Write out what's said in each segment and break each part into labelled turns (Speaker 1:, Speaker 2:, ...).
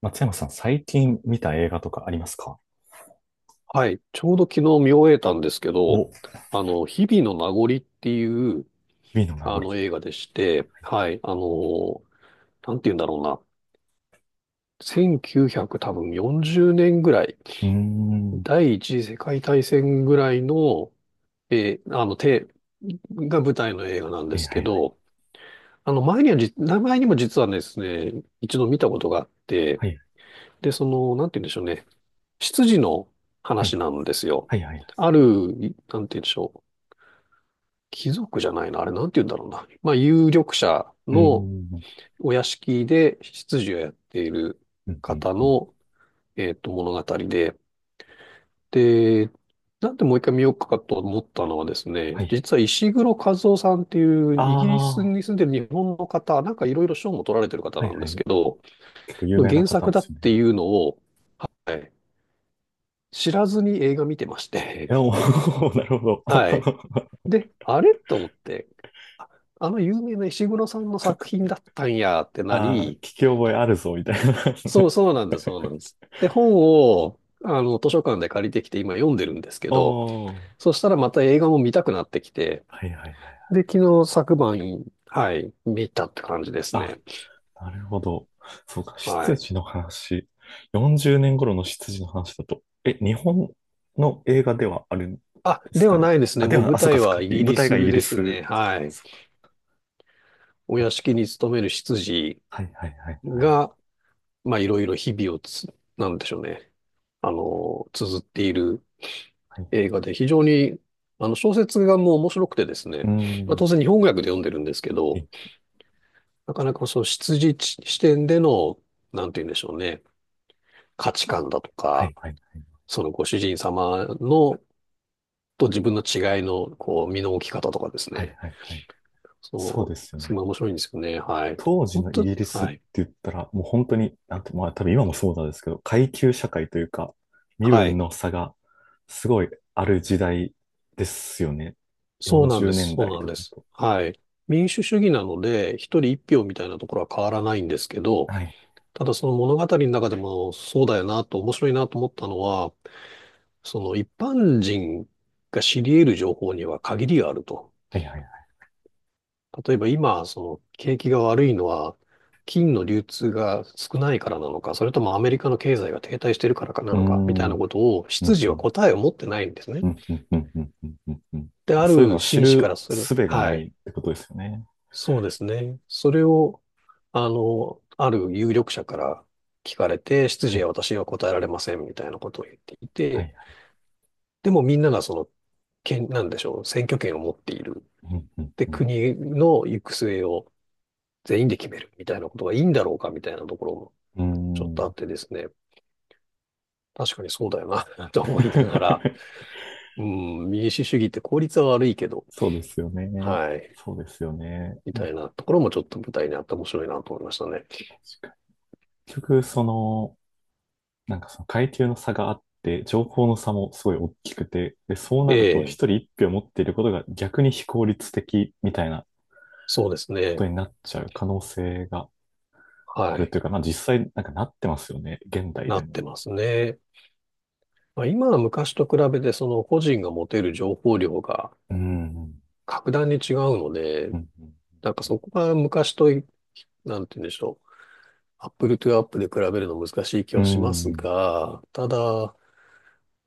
Speaker 1: 松山さん、最近見た映画とかありますか？
Speaker 2: はい。ちょうど昨日見終えたんですけど、
Speaker 1: お、
Speaker 2: 日々の名残っていう、
Speaker 1: 日々の名残。
Speaker 2: 映画でして、はい。あの、なんて言うんだろうな。1 9 0多分40年ぐらい、
Speaker 1: うーん。は
Speaker 2: 第一次世界大戦ぐらいの、えーあの、て、が舞台の映画なんで
Speaker 1: い
Speaker 2: す
Speaker 1: は
Speaker 2: け
Speaker 1: い
Speaker 2: ど、前にも実はですね、一度見たことがあって、
Speaker 1: はい。
Speaker 2: で、その、なんて言うんでしょうね。執事の
Speaker 1: は
Speaker 2: 話
Speaker 1: い。
Speaker 2: なんですよ。
Speaker 1: はいはいはい。
Speaker 2: ある、なんて言うんでしょう。貴族じゃないな。あれ、なんて言うんだろうな。まあ、有力者
Speaker 1: うー
Speaker 2: の
Speaker 1: ん。
Speaker 2: お屋敷で執事をやっている
Speaker 1: うんうん
Speaker 2: 方
Speaker 1: うん。
Speaker 2: の、物語で。で、なんでもう一回見ようかと思ったのはです
Speaker 1: は
Speaker 2: ね、
Speaker 1: い。
Speaker 2: 実は石黒和夫さんっていう
Speaker 1: あ
Speaker 2: イギリ
Speaker 1: あ。
Speaker 2: ス
Speaker 1: は
Speaker 2: に住んでる日本の方、なんかいろいろ賞も取られてる方
Speaker 1: い
Speaker 2: なん
Speaker 1: は
Speaker 2: です
Speaker 1: い。
Speaker 2: けど、
Speaker 1: 結構有
Speaker 2: の
Speaker 1: 名な
Speaker 2: 原
Speaker 1: 方
Speaker 2: 作
Speaker 1: で
Speaker 2: だっ
Speaker 1: すよ
Speaker 2: て
Speaker 1: ね。
Speaker 2: いうのを、はい、知らずに映画見てまし
Speaker 1: い
Speaker 2: て、
Speaker 1: や、おー なるほど。
Speaker 2: はい。で、あれと思って、ああの有名な石黒さんの作品だったんやってな
Speaker 1: ああ、聞
Speaker 2: り、
Speaker 1: き覚えあるぞ、みたいな。
Speaker 2: そうそうなんです、そうなんです。で、本を、図書館で借りてきて今読んでるんです けど、
Speaker 1: おー。
Speaker 2: そしたらまた映画も見たくなってきて、
Speaker 1: はいはいはい。
Speaker 2: で、昨晩、はい、見たって感じです
Speaker 1: あ、
Speaker 2: ね。
Speaker 1: なるほど。そうか、
Speaker 2: は
Speaker 1: 執
Speaker 2: い。
Speaker 1: 事の話。40年頃の執事の話だと。え、日本の映画ではあるんで
Speaker 2: あ、
Speaker 1: す
Speaker 2: で
Speaker 1: か
Speaker 2: は
Speaker 1: ね？
Speaker 2: ないですね。
Speaker 1: あ、で
Speaker 2: もう
Speaker 1: は、
Speaker 2: 舞
Speaker 1: あ、そうか
Speaker 2: 台
Speaker 1: そう
Speaker 2: は
Speaker 1: か。
Speaker 2: イギ
Speaker 1: 舞
Speaker 2: リ
Speaker 1: 台がイ
Speaker 2: ス
Speaker 1: ギリ
Speaker 2: です
Speaker 1: ス
Speaker 2: ね。は
Speaker 1: か。
Speaker 2: い。
Speaker 1: そ
Speaker 2: お
Speaker 1: うか。
Speaker 2: 屋敷に勤める執事
Speaker 1: はいはいはいはい。
Speaker 2: が、まあ、いろいろ日々をつ、なんでしょうね。あの、綴っている
Speaker 1: はい、
Speaker 2: 映画で非常に、小説がもう面白くてです
Speaker 1: うー
Speaker 2: ね、まあ、
Speaker 1: ん。
Speaker 2: 当然日本語訳で読んでるんですけど、なかなかその出自地視点での、なんて言うんでしょうね、価値観だと
Speaker 1: は
Speaker 2: か、
Speaker 1: いはいはい
Speaker 2: そのご主人様の、と自分の違いの、こう、身の置き方とかです
Speaker 1: はい。
Speaker 2: ね、
Speaker 1: はいはいはい。そう
Speaker 2: そ
Speaker 1: で
Speaker 2: う
Speaker 1: すよね。
Speaker 2: すごい面白いんですよね。はい。
Speaker 1: 当時
Speaker 2: 本
Speaker 1: のイ
Speaker 2: 当、
Speaker 1: ギリスっ
Speaker 2: は
Speaker 1: て
Speaker 2: い。
Speaker 1: 言ったら、もう本当に、なんて、まあ多分今もそうなんですけど、階級社会というか、身
Speaker 2: は
Speaker 1: 分
Speaker 2: い。
Speaker 1: の差がすごいある時代ですよね。
Speaker 2: そうな
Speaker 1: 40
Speaker 2: んで
Speaker 1: 年
Speaker 2: す。そう
Speaker 1: 代
Speaker 2: なん
Speaker 1: とか
Speaker 2: で
Speaker 1: だ
Speaker 2: す。
Speaker 1: と。
Speaker 2: はい。民主主義なので、一人一票みたいなところは変わらないんですけど、
Speaker 1: はい、
Speaker 2: ただその物語の中でもそうだよなと面白いなと思ったのは、その一般人が知り得る情報には限りがあると。
Speaker 1: はい、はい、はい。
Speaker 2: 例えば今、その景気が悪いのは金の流通が少ないからなのか、それともアメリカの経済が停滞してるからかな
Speaker 1: うー
Speaker 2: のか、みたい
Speaker 1: ん、う
Speaker 2: な
Speaker 1: ん、
Speaker 2: ことを、
Speaker 1: う
Speaker 2: 執事は
Speaker 1: ん、
Speaker 2: 答えを持ってないんですね。
Speaker 1: うん、うん、うん、うん、うん、うんうん。
Speaker 2: で、あ
Speaker 1: そういうの
Speaker 2: る
Speaker 1: を知
Speaker 2: 紳士か
Speaker 1: る
Speaker 2: らする。
Speaker 1: 術がな
Speaker 2: は
Speaker 1: いっ
Speaker 2: い。
Speaker 1: てことですよね。
Speaker 2: そうですね。それを、ある有力者から聞かれて、執
Speaker 1: は
Speaker 2: 事
Speaker 1: い、
Speaker 2: は私は答えられません、みたいなことを言ってい
Speaker 1: は
Speaker 2: て、
Speaker 1: い、は
Speaker 2: でもみんながその、権、なんでしょう、選挙権を持っている。
Speaker 1: い。うん、うん、
Speaker 2: で、
Speaker 1: う
Speaker 2: 国の行く末を全員で決めるみたいなことがいいんだろうかみたいなところ
Speaker 1: ん。
Speaker 2: も
Speaker 1: うー
Speaker 2: ちょっとあっ
Speaker 1: ん。
Speaker 2: てですね。確かにそうだよな と思いながら、うん、民主主義って効率は悪いけど、
Speaker 1: そうですよね。
Speaker 2: はい、
Speaker 1: そうですよね。
Speaker 2: み
Speaker 1: な
Speaker 2: た
Speaker 1: ん
Speaker 2: い
Speaker 1: か
Speaker 2: なところもちょっと舞台にあって面白いなと思いましたね。
Speaker 1: 確かに結局、なんかその階級の差があって、情報の差もすごい大きくて、で、そう
Speaker 2: え
Speaker 1: なると
Speaker 2: え、
Speaker 1: 一人一票持っていることが逆に非効率的みたいな
Speaker 2: そうです
Speaker 1: こ
Speaker 2: ね。
Speaker 1: とになっちゃう可能性が
Speaker 2: は
Speaker 1: ある
Speaker 2: い、
Speaker 1: というか、まあ実際なんかなってますよね、現代
Speaker 2: な
Speaker 1: で
Speaker 2: っ
Speaker 1: も。
Speaker 2: てますね。まあ、今は昔と比べてその個人が持てる情報量が
Speaker 1: うん。
Speaker 2: 格段に違うので、
Speaker 1: うん。
Speaker 2: なんかそこが昔と比なんて言うんでしょう。アップルトゥアップで比べるの難しい気
Speaker 1: う
Speaker 2: はしま
Speaker 1: ん。
Speaker 2: す
Speaker 1: うん
Speaker 2: が、ただ、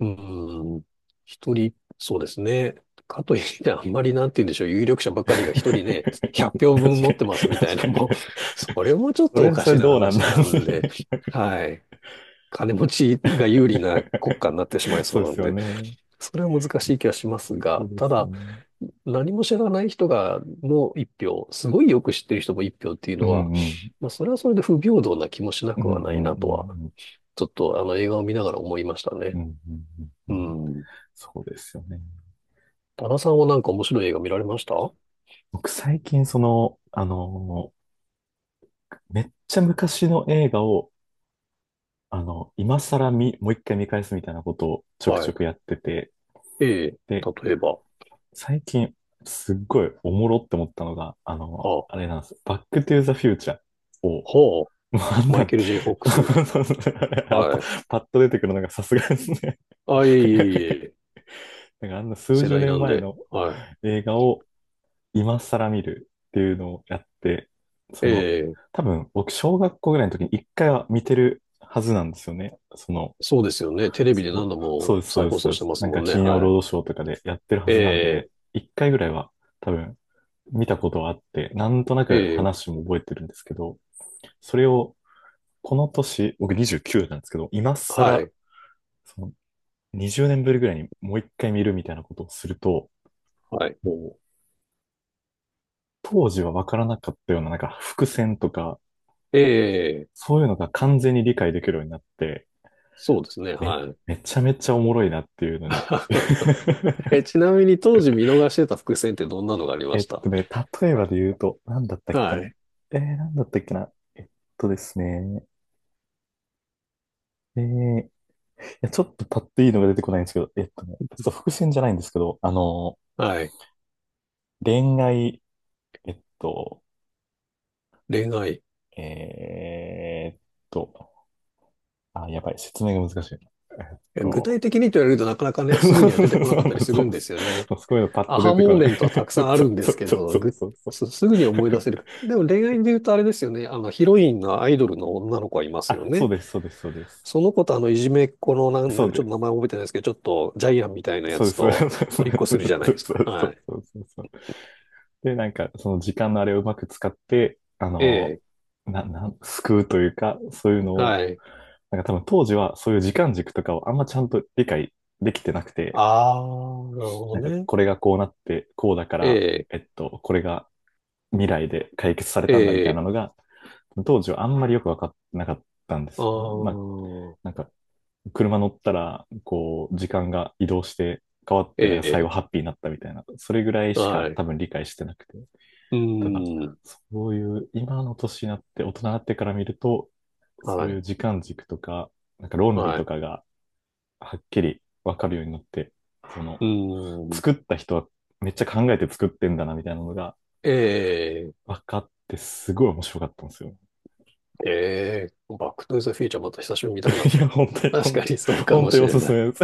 Speaker 2: うん、一人、そうですね。かといって、あんまりなんて言うんでしょう。有力者ば かりが一
Speaker 1: 確
Speaker 2: 人
Speaker 1: か
Speaker 2: ね、
Speaker 1: に、
Speaker 2: 100票分持ってますみたい
Speaker 1: 確
Speaker 2: な
Speaker 1: か
Speaker 2: も
Speaker 1: に。
Speaker 2: も、それもちょっ
Speaker 1: そ
Speaker 2: とお
Speaker 1: れは
Speaker 2: か
Speaker 1: それ
Speaker 2: しな
Speaker 1: どうなん
Speaker 2: 話
Speaker 1: だ
Speaker 2: な
Speaker 1: ね
Speaker 2: んで、はい。金持ちが有利な国家 になってしまいそ
Speaker 1: そ
Speaker 2: う
Speaker 1: うで
Speaker 2: な
Speaker 1: す
Speaker 2: ん
Speaker 1: よ
Speaker 2: で、
Speaker 1: ね。
Speaker 2: それは難しい気はします
Speaker 1: そう
Speaker 2: が、
Speaker 1: で
Speaker 2: た
Speaker 1: すよ
Speaker 2: だ、
Speaker 1: ね。
Speaker 2: 何も知らない人がの一票、すごいよく知ってる人も一票っていう
Speaker 1: う
Speaker 2: のは、
Speaker 1: んうん。
Speaker 2: まあ、それはそれで不平等な気もしな
Speaker 1: うん
Speaker 2: く
Speaker 1: う
Speaker 2: は
Speaker 1: ん
Speaker 2: な
Speaker 1: う
Speaker 2: い
Speaker 1: ん
Speaker 2: なとは、
Speaker 1: うん。
Speaker 2: ちょっとあの映画を見ながら思いました
Speaker 1: う
Speaker 2: ね。
Speaker 1: んうんうんう
Speaker 2: う
Speaker 1: ん。
Speaker 2: ん。
Speaker 1: そうですよね。
Speaker 2: 多田さんはなんか面白い映画見られました？
Speaker 1: 僕最近めっちゃ昔の映画を、あの、今更見、もう一回見返すみたいなことをちょく
Speaker 2: は
Speaker 1: ちょ
Speaker 2: い。
Speaker 1: くやってて、
Speaker 2: ええ、
Speaker 1: で、
Speaker 2: 例えば、
Speaker 1: 最近すっごいおもろって思ったのが、
Speaker 2: あ、
Speaker 1: あれなんです。バックトゥーザフューチャーを、
Speaker 2: ほ
Speaker 1: もうあん
Speaker 2: マ
Speaker 1: な
Speaker 2: イ
Speaker 1: ん、
Speaker 2: ケ
Speaker 1: パ、
Speaker 2: ル・ J・ フォックス。はい。
Speaker 1: パッと出てくるのがさすがですね。
Speaker 2: あ、いえいえいえ、
Speaker 1: なんかあんな数
Speaker 2: 世
Speaker 1: 十
Speaker 2: 代な
Speaker 1: 年
Speaker 2: ん
Speaker 1: 前
Speaker 2: で。
Speaker 1: の
Speaker 2: はい。
Speaker 1: 映画を今更見るっていうのをやって、
Speaker 2: え
Speaker 1: その、
Speaker 2: え、
Speaker 1: 多分僕、小学校ぐらいの時に一回は見てるはずなんですよね。
Speaker 2: そうですよね。テレビで何度
Speaker 1: そ
Speaker 2: も
Speaker 1: う、そう
Speaker 2: 再
Speaker 1: です、そうです、
Speaker 2: 放
Speaker 1: そ
Speaker 2: 送
Speaker 1: うで
Speaker 2: して
Speaker 1: す。
Speaker 2: ます
Speaker 1: なん
Speaker 2: も
Speaker 1: か
Speaker 2: んね。
Speaker 1: 金曜
Speaker 2: は
Speaker 1: ロー
Speaker 2: い。
Speaker 1: ドショーとかでやってるはずなんで、
Speaker 2: え
Speaker 1: 一回ぐらいは多分見たことはあって、なんとなく
Speaker 2: え、え
Speaker 1: 話も覚えてるんですけど、それをこの年、僕29なんですけど、今
Speaker 2: は
Speaker 1: 更、
Speaker 2: い。
Speaker 1: その20年ぶりぐらいにもう一回見るみたいなことをすると、
Speaker 2: はい。
Speaker 1: もう当時はわからなかったような、なんか伏線とか、
Speaker 2: ええ、
Speaker 1: そういうのが完全に理解できるようになって、
Speaker 2: そうですね。
Speaker 1: め、
Speaker 2: はい。
Speaker 1: めちゃめちゃおもろいなっていうのに。
Speaker 2: え、ちなみに当時見逃してた伏線ってどんなのがありま
Speaker 1: えっ
Speaker 2: した？
Speaker 1: とね、例えばで言うと、なんだったっけ
Speaker 2: は
Speaker 1: な。
Speaker 2: い。
Speaker 1: なんだったっけな。えっとですね。いや、ちょっとパッといいのが出てこないんですけど、ちょっと伏線じゃないんですけど、
Speaker 2: はい。
Speaker 1: 恋愛、えっと、
Speaker 2: 恋愛。
Speaker 1: えーっと、あ、やばい、説明が難しいな。えっ
Speaker 2: え具体
Speaker 1: と、
Speaker 2: 的にと言われるとなかなか ね、
Speaker 1: そう
Speaker 2: す
Speaker 1: な
Speaker 2: ぐ
Speaker 1: んそ
Speaker 2: には出て
Speaker 1: う
Speaker 2: こ
Speaker 1: そ
Speaker 2: な
Speaker 1: う
Speaker 2: かっ
Speaker 1: なん
Speaker 2: たり
Speaker 1: です。
Speaker 2: するんですよね。
Speaker 1: そうすごいうのパッ
Speaker 2: ア
Speaker 1: と出
Speaker 2: ハ
Speaker 1: てこ
Speaker 2: モー
Speaker 1: な
Speaker 2: メ
Speaker 1: い。
Speaker 2: ントはたくさ んあ
Speaker 1: そ
Speaker 2: る
Speaker 1: う
Speaker 2: んで
Speaker 1: そ
Speaker 2: す
Speaker 1: う
Speaker 2: け
Speaker 1: そう
Speaker 2: ど、
Speaker 1: そうそうそう。
Speaker 2: すぐに 思い出せるか。でも恋愛で言うとあれですよね。あの、ヒロインがアイドルの女の子はいますよ
Speaker 1: あ、そう
Speaker 2: ね。
Speaker 1: です、そうです、そうです。
Speaker 2: その子とあの、いじめっ子のなんだ
Speaker 1: そう
Speaker 2: か、ちょっ
Speaker 1: で
Speaker 2: と名
Speaker 1: す。
Speaker 2: 前覚えてないですけど、ちょっとジャイアンみたいなや
Speaker 1: そうで
Speaker 2: つ
Speaker 1: す、そうです。そ
Speaker 2: と、
Speaker 1: うです
Speaker 2: トリっこ
Speaker 1: そ
Speaker 2: す
Speaker 1: う
Speaker 2: るじゃないで
Speaker 1: で
Speaker 2: す
Speaker 1: す
Speaker 2: か。
Speaker 1: そうそ
Speaker 2: は
Speaker 1: う
Speaker 2: い。
Speaker 1: そうそう。で、なんか、その時間のあれをうまく使って、あ
Speaker 2: え
Speaker 1: の、
Speaker 2: え。
Speaker 1: な、なん、救うというか、そういうのを、
Speaker 2: はい。
Speaker 1: なんか多分当時はそういう時間軸とかをあんまちゃんと理解できてなくて、
Speaker 2: ああ、なるほど
Speaker 1: なんか
Speaker 2: ね。
Speaker 1: これがこうなって、こうだか
Speaker 2: え
Speaker 1: ら、
Speaker 2: え、
Speaker 1: これが未来で解決されたんだみたいな
Speaker 2: ええ、
Speaker 1: のが、当時はあんまりよく分かってなかったんで
Speaker 2: あ
Speaker 1: すよね。まあ、
Speaker 2: あ、
Speaker 1: なんか、車乗ったら、こう、時間が移動して変わって、なんか最
Speaker 2: え、え
Speaker 1: 後ハッピーになったみたいな、それぐらい
Speaker 2: え、
Speaker 1: し
Speaker 2: は
Speaker 1: か
Speaker 2: い。う
Speaker 1: 多分理解してなくて。
Speaker 2: ー
Speaker 1: ただ、
Speaker 2: ん、
Speaker 1: そういう今の年になって、大人になってから見ると、そ
Speaker 2: は
Speaker 1: うい
Speaker 2: い、
Speaker 1: う時間軸とか、なんか論理
Speaker 2: は
Speaker 1: と
Speaker 2: い。
Speaker 1: かがはっきりわかるようになって、その、
Speaker 2: うーん、
Speaker 1: 作った人はめっちゃ考えて作ってんだなみたいなのが
Speaker 2: ええ、
Speaker 1: 分かって、すごい面白かったんですよ。
Speaker 2: ええ、バックトゥーザフューチャーまた久しぶりに見たくなっ
Speaker 1: いや、本当に、
Speaker 2: た。確
Speaker 1: 本
Speaker 2: か
Speaker 1: 当
Speaker 2: にそ
Speaker 1: に、
Speaker 2: うか
Speaker 1: 本
Speaker 2: も
Speaker 1: 当に
Speaker 2: し
Speaker 1: お
Speaker 2: れ
Speaker 1: すす
Speaker 2: ない。
Speaker 1: めです。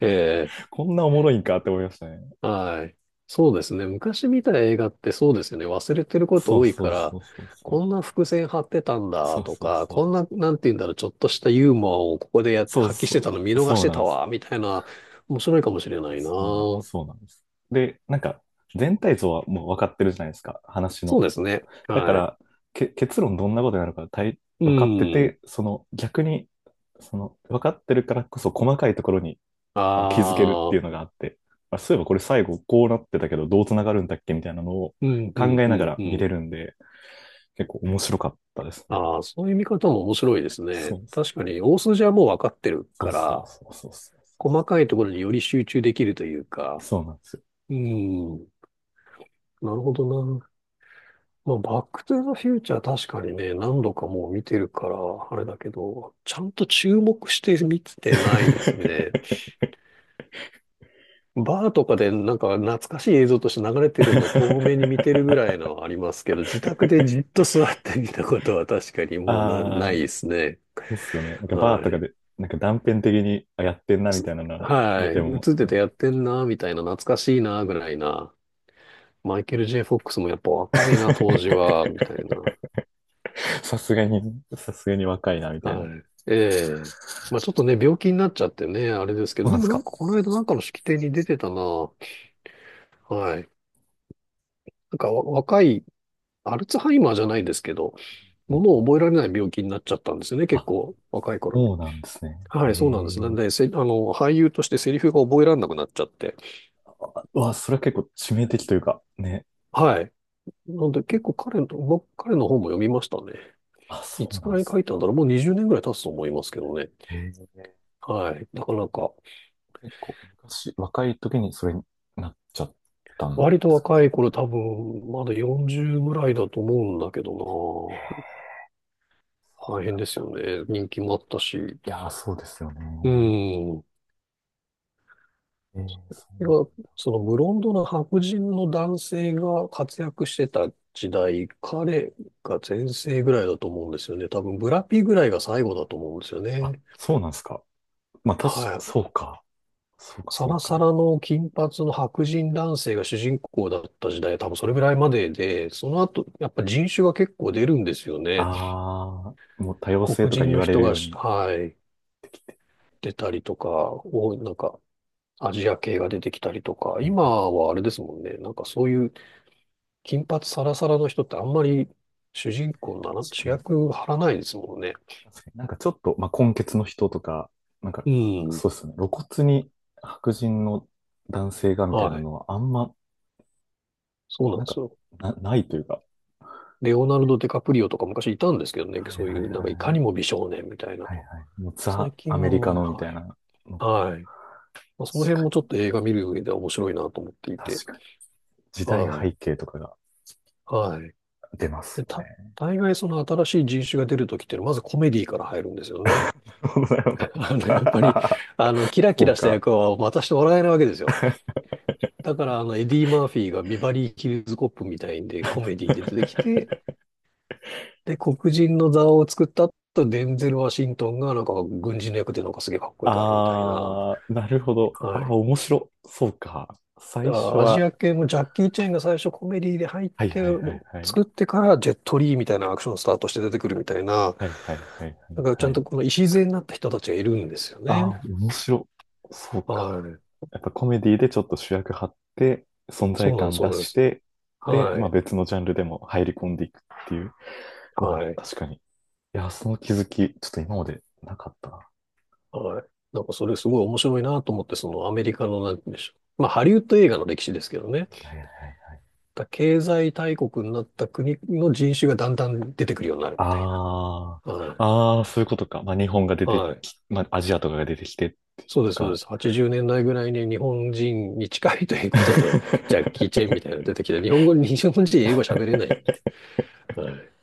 Speaker 2: え え。
Speaker 1: こんなおもろいんかって思いましたね。
Speaker 2: はい。そうですね。昔見た映画ってそうですよね。忘れてること
Speaker 1: そう
Speaker 2: 多い
Speaker 1: そ
Speaker 2: か
Speaker 1: う
Speaker 2: ら、
Speaker 1: そうそうそ
Speaker 2: こんな伏線張ってたん
Speaker 1: う。
Speaker 2: だ
Speaker 1: そう
Speaker 2: と
Speaker 1: そう
Speaker 2: か、
Speaker 1: そ
Speaker 2: こん
Speaker 1: う。
Speaker 2: な、なんて言うんだろう、ちょっとしたユーモアをここでやって
Speaker 1: そう
Speaker 2: 発揮してた
Speaker 1: そ
Speaker 2: の見
Speaker 1: う。
Speaker 2: 逃し
Speaker 1: そう
Speaker 2: て
Speaker 1: な
Speaker 2: た
Speaker 1: んです。
Speaker 2: わ、みたいな、面白いかもしれないな。
Speaker 1: そうなん、
Speaker 2: そ
Speaker 1: そうなんです。で、なんか、全体像はもう分かってるじゃないですか、話の。
Speaker 2: うですね。
Speaker 1: だか
Speaker 2: はい。
Speaker 1: ら、結論どんなことになるか大
Speaker 2: う
Speaker 1: 分かって
Speaker 2: ん。
Speaker 1: て、その逆に、その分かってるからこそ細かいところに
Speaker 2: あ
Speaker 1: 気づけるっていうの
Speaker 2: あ、
Speaker 1: があって、まあ、そういえばこれ最後こうなってたけどどうつながるんだっけみたいなのを
Speaker 2: うん、う
Speaker 1: 考
Speaker 2: ん、
Speaker 1: え
Speaker 2: う
Speaker 1: なが
Speaker 2: ん、
Speaker 1: ら
Speaker 2: う
Speaker 1: 見
Speaker 2: ん。
Speaker 1: れるんで、結構面白かったですね。
Speaker 2: ああ、そういう見方も面白いですね。
Speaker 1: そうです
Speaker 2: 確か
Speaker 1: ね。
Speaker 2: に、大筋はもう分かってる
Speaker 1: そう
Speaker 2: か
Speaker 1: そう
Speaker 2: ら、
Speaker 1: そうそうそう。
Speaker 2: 細かいところにより集中できるというか、
Speaker 1: そうなんですよ。
Speaker 2: うん。なるほどな。まあ、バックトゥーザフューチャー確かにね、何度かもう見てるから、あれだけど、ちゃんと注目して見てないですね。バーとかでなんか懐かしい映像として流れてるのを遠目に見てるぐ らいのはありますけど、自宅でじっと座って見たことは確かにもうな、
Speaker 1: あ
Speaker 2: ない
Speaker 1: あ、そ
Speaker 2: ですね。
Speaker 1: うっすよね。なんかバ
Speaker 2: は
Speaker 1: ーとか
Speaker 2: い。
Speaker 1: で、なんか断片的にあやってんなみ
Speaker 2: す
Speaker 1: たいなのは
Speaker 2: は
Speaker 1: 見
Speaker 2: い。
Speaker 1: て
Speaker 2: 映
Speaker 1: も、
Speaker 2: ってて
Speaker 1: ね、
Speaker 2: やってんな、みたいな、懐かしいな、ぐらいな。マイケル・ J・ フォックスもやっぱ若いな、当時は、みたい な。
Speaker 1: さすがに、さすがに若いなみたいな。
Speaker 2: は
Speaker 1: そ
Speaker 2: い。ええ。まあちょっとね、病気になっちゃってね、あれですけ
Speaker 1: う
Speaker 2: ど、
Speaker 1: な
Speaker 2: で
Speaker 1: んで
Speaker 2: も
Speaker 1: す
Speaker 2: な
Speaker 1: か。
Speaker 2: んかこの間なんかの式典に出てたな。はい。なんかわ若い、アルツハイマーじゃないですけど、
Speaker 1: う
Speaker 2: も
Speaker 1: ん
Speaker 2: の
Speaker 1: う
Speaker 2: を
Speaker 1: ん、
Speaker 2: 覚えられない病気になっちゃったんですよね、結
Speaker 1: あ、
Speaker 2: 構若い頃に。
Speaker 1: そうなんですね。
Speaker 2: はい、そうなんです。な
Speaker 1: へ
Speaker 2: ん
Speaker 1: え。
Speaker 2: で、せ、あの、俳優としてセリフが覚えられなくなっちゃって。
Speaker 1: うわ、それは結構致命的というか、ね。
Speaker 2: はい。なんで結構彼の本も読みましたね。
Speaker 1: あ、
Speaker 2: い
Speaker 1: そ
Speaker 2: つ
Speaker 1: う
Speaker 2: く
Speaker 1: なんで
Speaker 2: らいに
Speaker 1: す
Speaker 2: 書いたん
Speaker 1: ね。
Speaker 2: だろう。もう20年ぐらい経つと思いますけどね。
Speaker 1: へえ。
Speaker 2: はい。なかなか。
Speaker 1: 結構昔、若い時にそれになっちゃったん
Speaker 2: 割と
Speaker 1: ですか？
Speaker 2: 若い頃多分、まだ40ぐらいだと思うんだけ
Speaker 1: え
Speaker 2: ど
Speaker 1: え、
Speaker 2: な。
Speaker 1: そ
Speaker 2: 大
Speaker 1: うな
Speaker 2: 変
Speaker 1: ん
Speaker 2: です
Speaker 1: だ。
Speaker 2: よね。人気もあったし。
Speaker 1: いやー、そうですよ
Speaker 2: う
Speaker 1: ね。
Speaker 2: ん。
Speaker 1: ええ、そ
Speaker 2: い
Speaker 1: う
Speaker 2: や
Speaker 1: なん、
Speaker 2: そのブロンドの白人の男性が活躍してた時代、彼が全盛ぐらいだと思うんですよね。多分、ブラピぐらいが最後だと思うんですよ
Speaker 1: あ、
Speaker 2: ね。
Speaker 1: そうなんですか。まあ、確
Speaker 2: は
Speaker 1: か、
Speaker 2: い。
Speaker 1: そうか。そうか、
Speaker 2: サ
Speaker 1: そう
Speaker 2: ラサ
Speaker 1: か。
Speaker 2: ラの金髪の白人男性が主人公だった時代、多分それぐらいまでで、その後、やっぱ人種が結構出るんですよね。
Speaker 1: ああ、もう多様性
Speaker 2: 黒
Speaker 1: とか
Speaker 2: 人
Speaker 1: 言
Speaker 2: の
Speaker 1: われ
Speaker 2: 人
Speaker 1: る
Speaker 2: が
Speaker 1: よう
Speaker 2: し、
Speaker 1: に。
Speaker 2: はい。出たりとか、お、なんか、アジア系が出てきたりとか、
Speaker 1: はい
Speaker 2: 今
Speaker 1: はい、
Speaker 2: はあれですもんね。なんかそういう金髪サラサラの人ってあんまり主人公なら、
Speaker 1: 確か
Speaker 2: 主
Speaker 1: に。
Speaker 2: 役張らないですもんね。
Speaker 1: 確かになんかちょっと、まあ、混血の人とか、なんか、
Speaker 2: うん。
Speaker 1: そうですね。露骨に白人の男性がみたいな
Speaker 2: はい。
Speaker 1: のはあんま、
Speaker 2: そうなん
Speaker 1: なん
Speaker 2: です
Speaker 1: か、
Speaker 2: よ。
Speaker 1: ないというか。
Speaker 2: レオナルド・ディカプリオとか昔いたんですけどね。
Speaker 1: はいは
Speaker 2: そ
Speaker 1: い
Speaker 2: うい
Speaker 1: は
Speaker 2: う、なんかいかにも
Speaker 1: い。
Speaker 2: 美少年みたいな
Speaker 1: はい
Speaker 2: の。
Speaker 1: はい。もうザ・
Speaker 2: 最近
Speaker 1: アメ
Speaker 2: は
Speaker 1: リカのみたいなのが、
Speaker 2: はい。はい。まあ、その辺
Speaker 1: 確
Speaker 2: も
Speaker 1: か
Speaker 2: ちょっ
Speaker 1: に、
Speaker 2: と映画見る上では面白いなと思っていて。
Speaker 1: 確かに。時代
Speaker 2: はい。
Speaker 1: 背景とかが
Speaker 2: はい。
Speaker 1: 出ます
Speaker 2: で、
Speaker 1: よ
Speaker 2: た、
Speaker 1: ね。
Speaker 2: 大概その新しい人種が出るときっていうのは、まずコメディから入るんですよね。
Speaker 1: なるほど、
Speaker 2: やっぱり、キラ キ
Speaker 1: そう
Speaker 2: ラした
Speaker 1: か。
Speaker 2: 役は渡してもらえないわけですよ。だから、エディ・マーフィーがビバリー・ヒルズ・コップみたいんで、コメディで出てきて、で、黒人の座を作った後、デンゼル・ワシントンが、なんか、軍人の役で、なんかすげえかっこよくやるみたいな。
Speaker 1: あー、なるほど。
Speaker 2: は
Speaker 1: あー、
Speaker 2: い。
Speaker 1: 面白。そうか。
Speaker 2: だ
Speaker 1: 最
Speaker 2: か
Speaker 1: 初
Speaker 2: らアジ
Speaker 1: は、
Speaker 2: ア系もジャッキー・チェンが最初コメディで入っ
Speaker 1: はい
Speaker 2: て、
Speaker 1: はいは
Speaker 2: も
Speaker 1: いは
Speaker 2: う
Speaker 1: い。
Speaker 2: 作ってから、ジェット・リーみたいなアクションスタートして出てくるみたいな、
Speaker 1: はいはいはい
Speaker 2: なんか、ち
Speaker 1: は
Speaker 2: ゃ
Speaker 1: いは
Speaker 2: んと
Speaker 1: い。
Speaker 2: この礎になった人たちがいるんですよ
Speaker 1: あ
Speaker 2: ね。
Speaker 1: ー、面白。そう
Speaker 2: は
Speaker 1: か。
Speaker 2: い。
Speaker 1: やっぱコメディでちょっと主役張って、存
Speaker 2: そ
Speaker 1: 在
Speaker 2: うなんです、
Speaker 1: 感
Speaker 2: そう
Speaker 1: 出
Speaker 2: なんで
Speaker 1: し
Speaker 2: す。
Speaker 1: て、で、
Speaker 2: は
Speaker 1: まあ
Speaker 2: い。
Speaker 1: 別のジャンルでも入り込んでいくっていう。うわ、
Speaker 2: はい。
Speaker 1: 確かに。いや、その気づき、ちょっと今までなかったな。
Speaker 2: はい。なんかそれすごい面白いなと思って、そのアメリカのなんて言うんでしょう。まあハリウッド映画の歴史ですけどね。
Speaker 1: いやいや、
Speaker 2: だ経済大国になった国の人種がだんだん出てくるようになるみたい
Speaker 1: あ
Speaker 2: な。は
Speaker 1: あ
Speaker 2: い。
Speaker 1: ー、ああ、そういうことか。まあ、日本が出て
Speaker 2: はい。
Speaker 1: き、まあ、アジアとかが出てきて、
Speaker 2: そう
Speaker 1: と
Speaker 2: です、そうで
Speaker 1: か。
Speaker 2: す。80年代ぐらいに日本人に近いということで、ジャッキー・チェン みたいなの出てきて、日本語に、日本人英語喋れない。はい。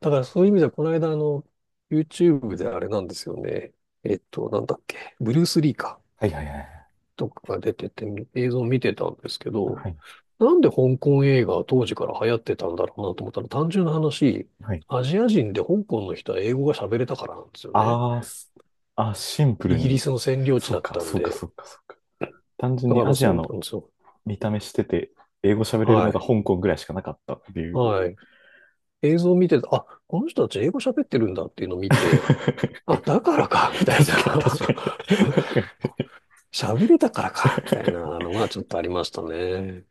Speaker 2: だからそういう意味では、この間あの、YouTube であれなんですよね。なんだっけ。ブルース・リーか。
Speaker 1: はいはいはい。
Speaker 2: とかが出てて映像を見てたんですけど、
Speaker 1: はい。
Speaker 2: なんで香港映画は当時から流行ってたんだろうなと思ったら単純な話、
Speaker 1: はい。
Speaker 2: アジア人で香港の人は英語が喋れたからなんですよね。
Speaker 1: あーすあ、シンプ
Speaker 2: イ
Speaker 1: ル
Speaker 2: ギリ
Speaker 1: に、
Speaker 2: スの占領地
Speaker 1: そ
Speaker 2: だ
Speaker 1: う
Speaker 2: っ
Speaker 1: か、
Speaker 2: たん
Speaker 1: そうか、
Speaker 2: で。
Speaker 1: そうか、そうか。単純
Speaker 2: だ
Speaker 1: に
Speaker 2: か
Speaker 1: ア
Speaker 2: ら
Speaker 1: ジア
Speaker 2: そう
Speaker 1: の
Speaker 2: なんですよ。
Speaker 1: 見た目してて、英語喋れる
Speaker 2: は
Speaker 1: のが
Speaker 2: い。
Speaker 1: 香港ぐらいしかなかったっていう。
Speaker 2: はい。映像を見てて、あ、この人たち英語喋ってるんだっていうのを 見て、
Speaker 1: 確
Speaker 2: あ、だからか、みたい
Speaker 1: かに、
Speaker 2: な。
Speaker 1: 確かに。確かに。
Speaker 2: 喋れたからか、みたいなのがちょっとありましたね。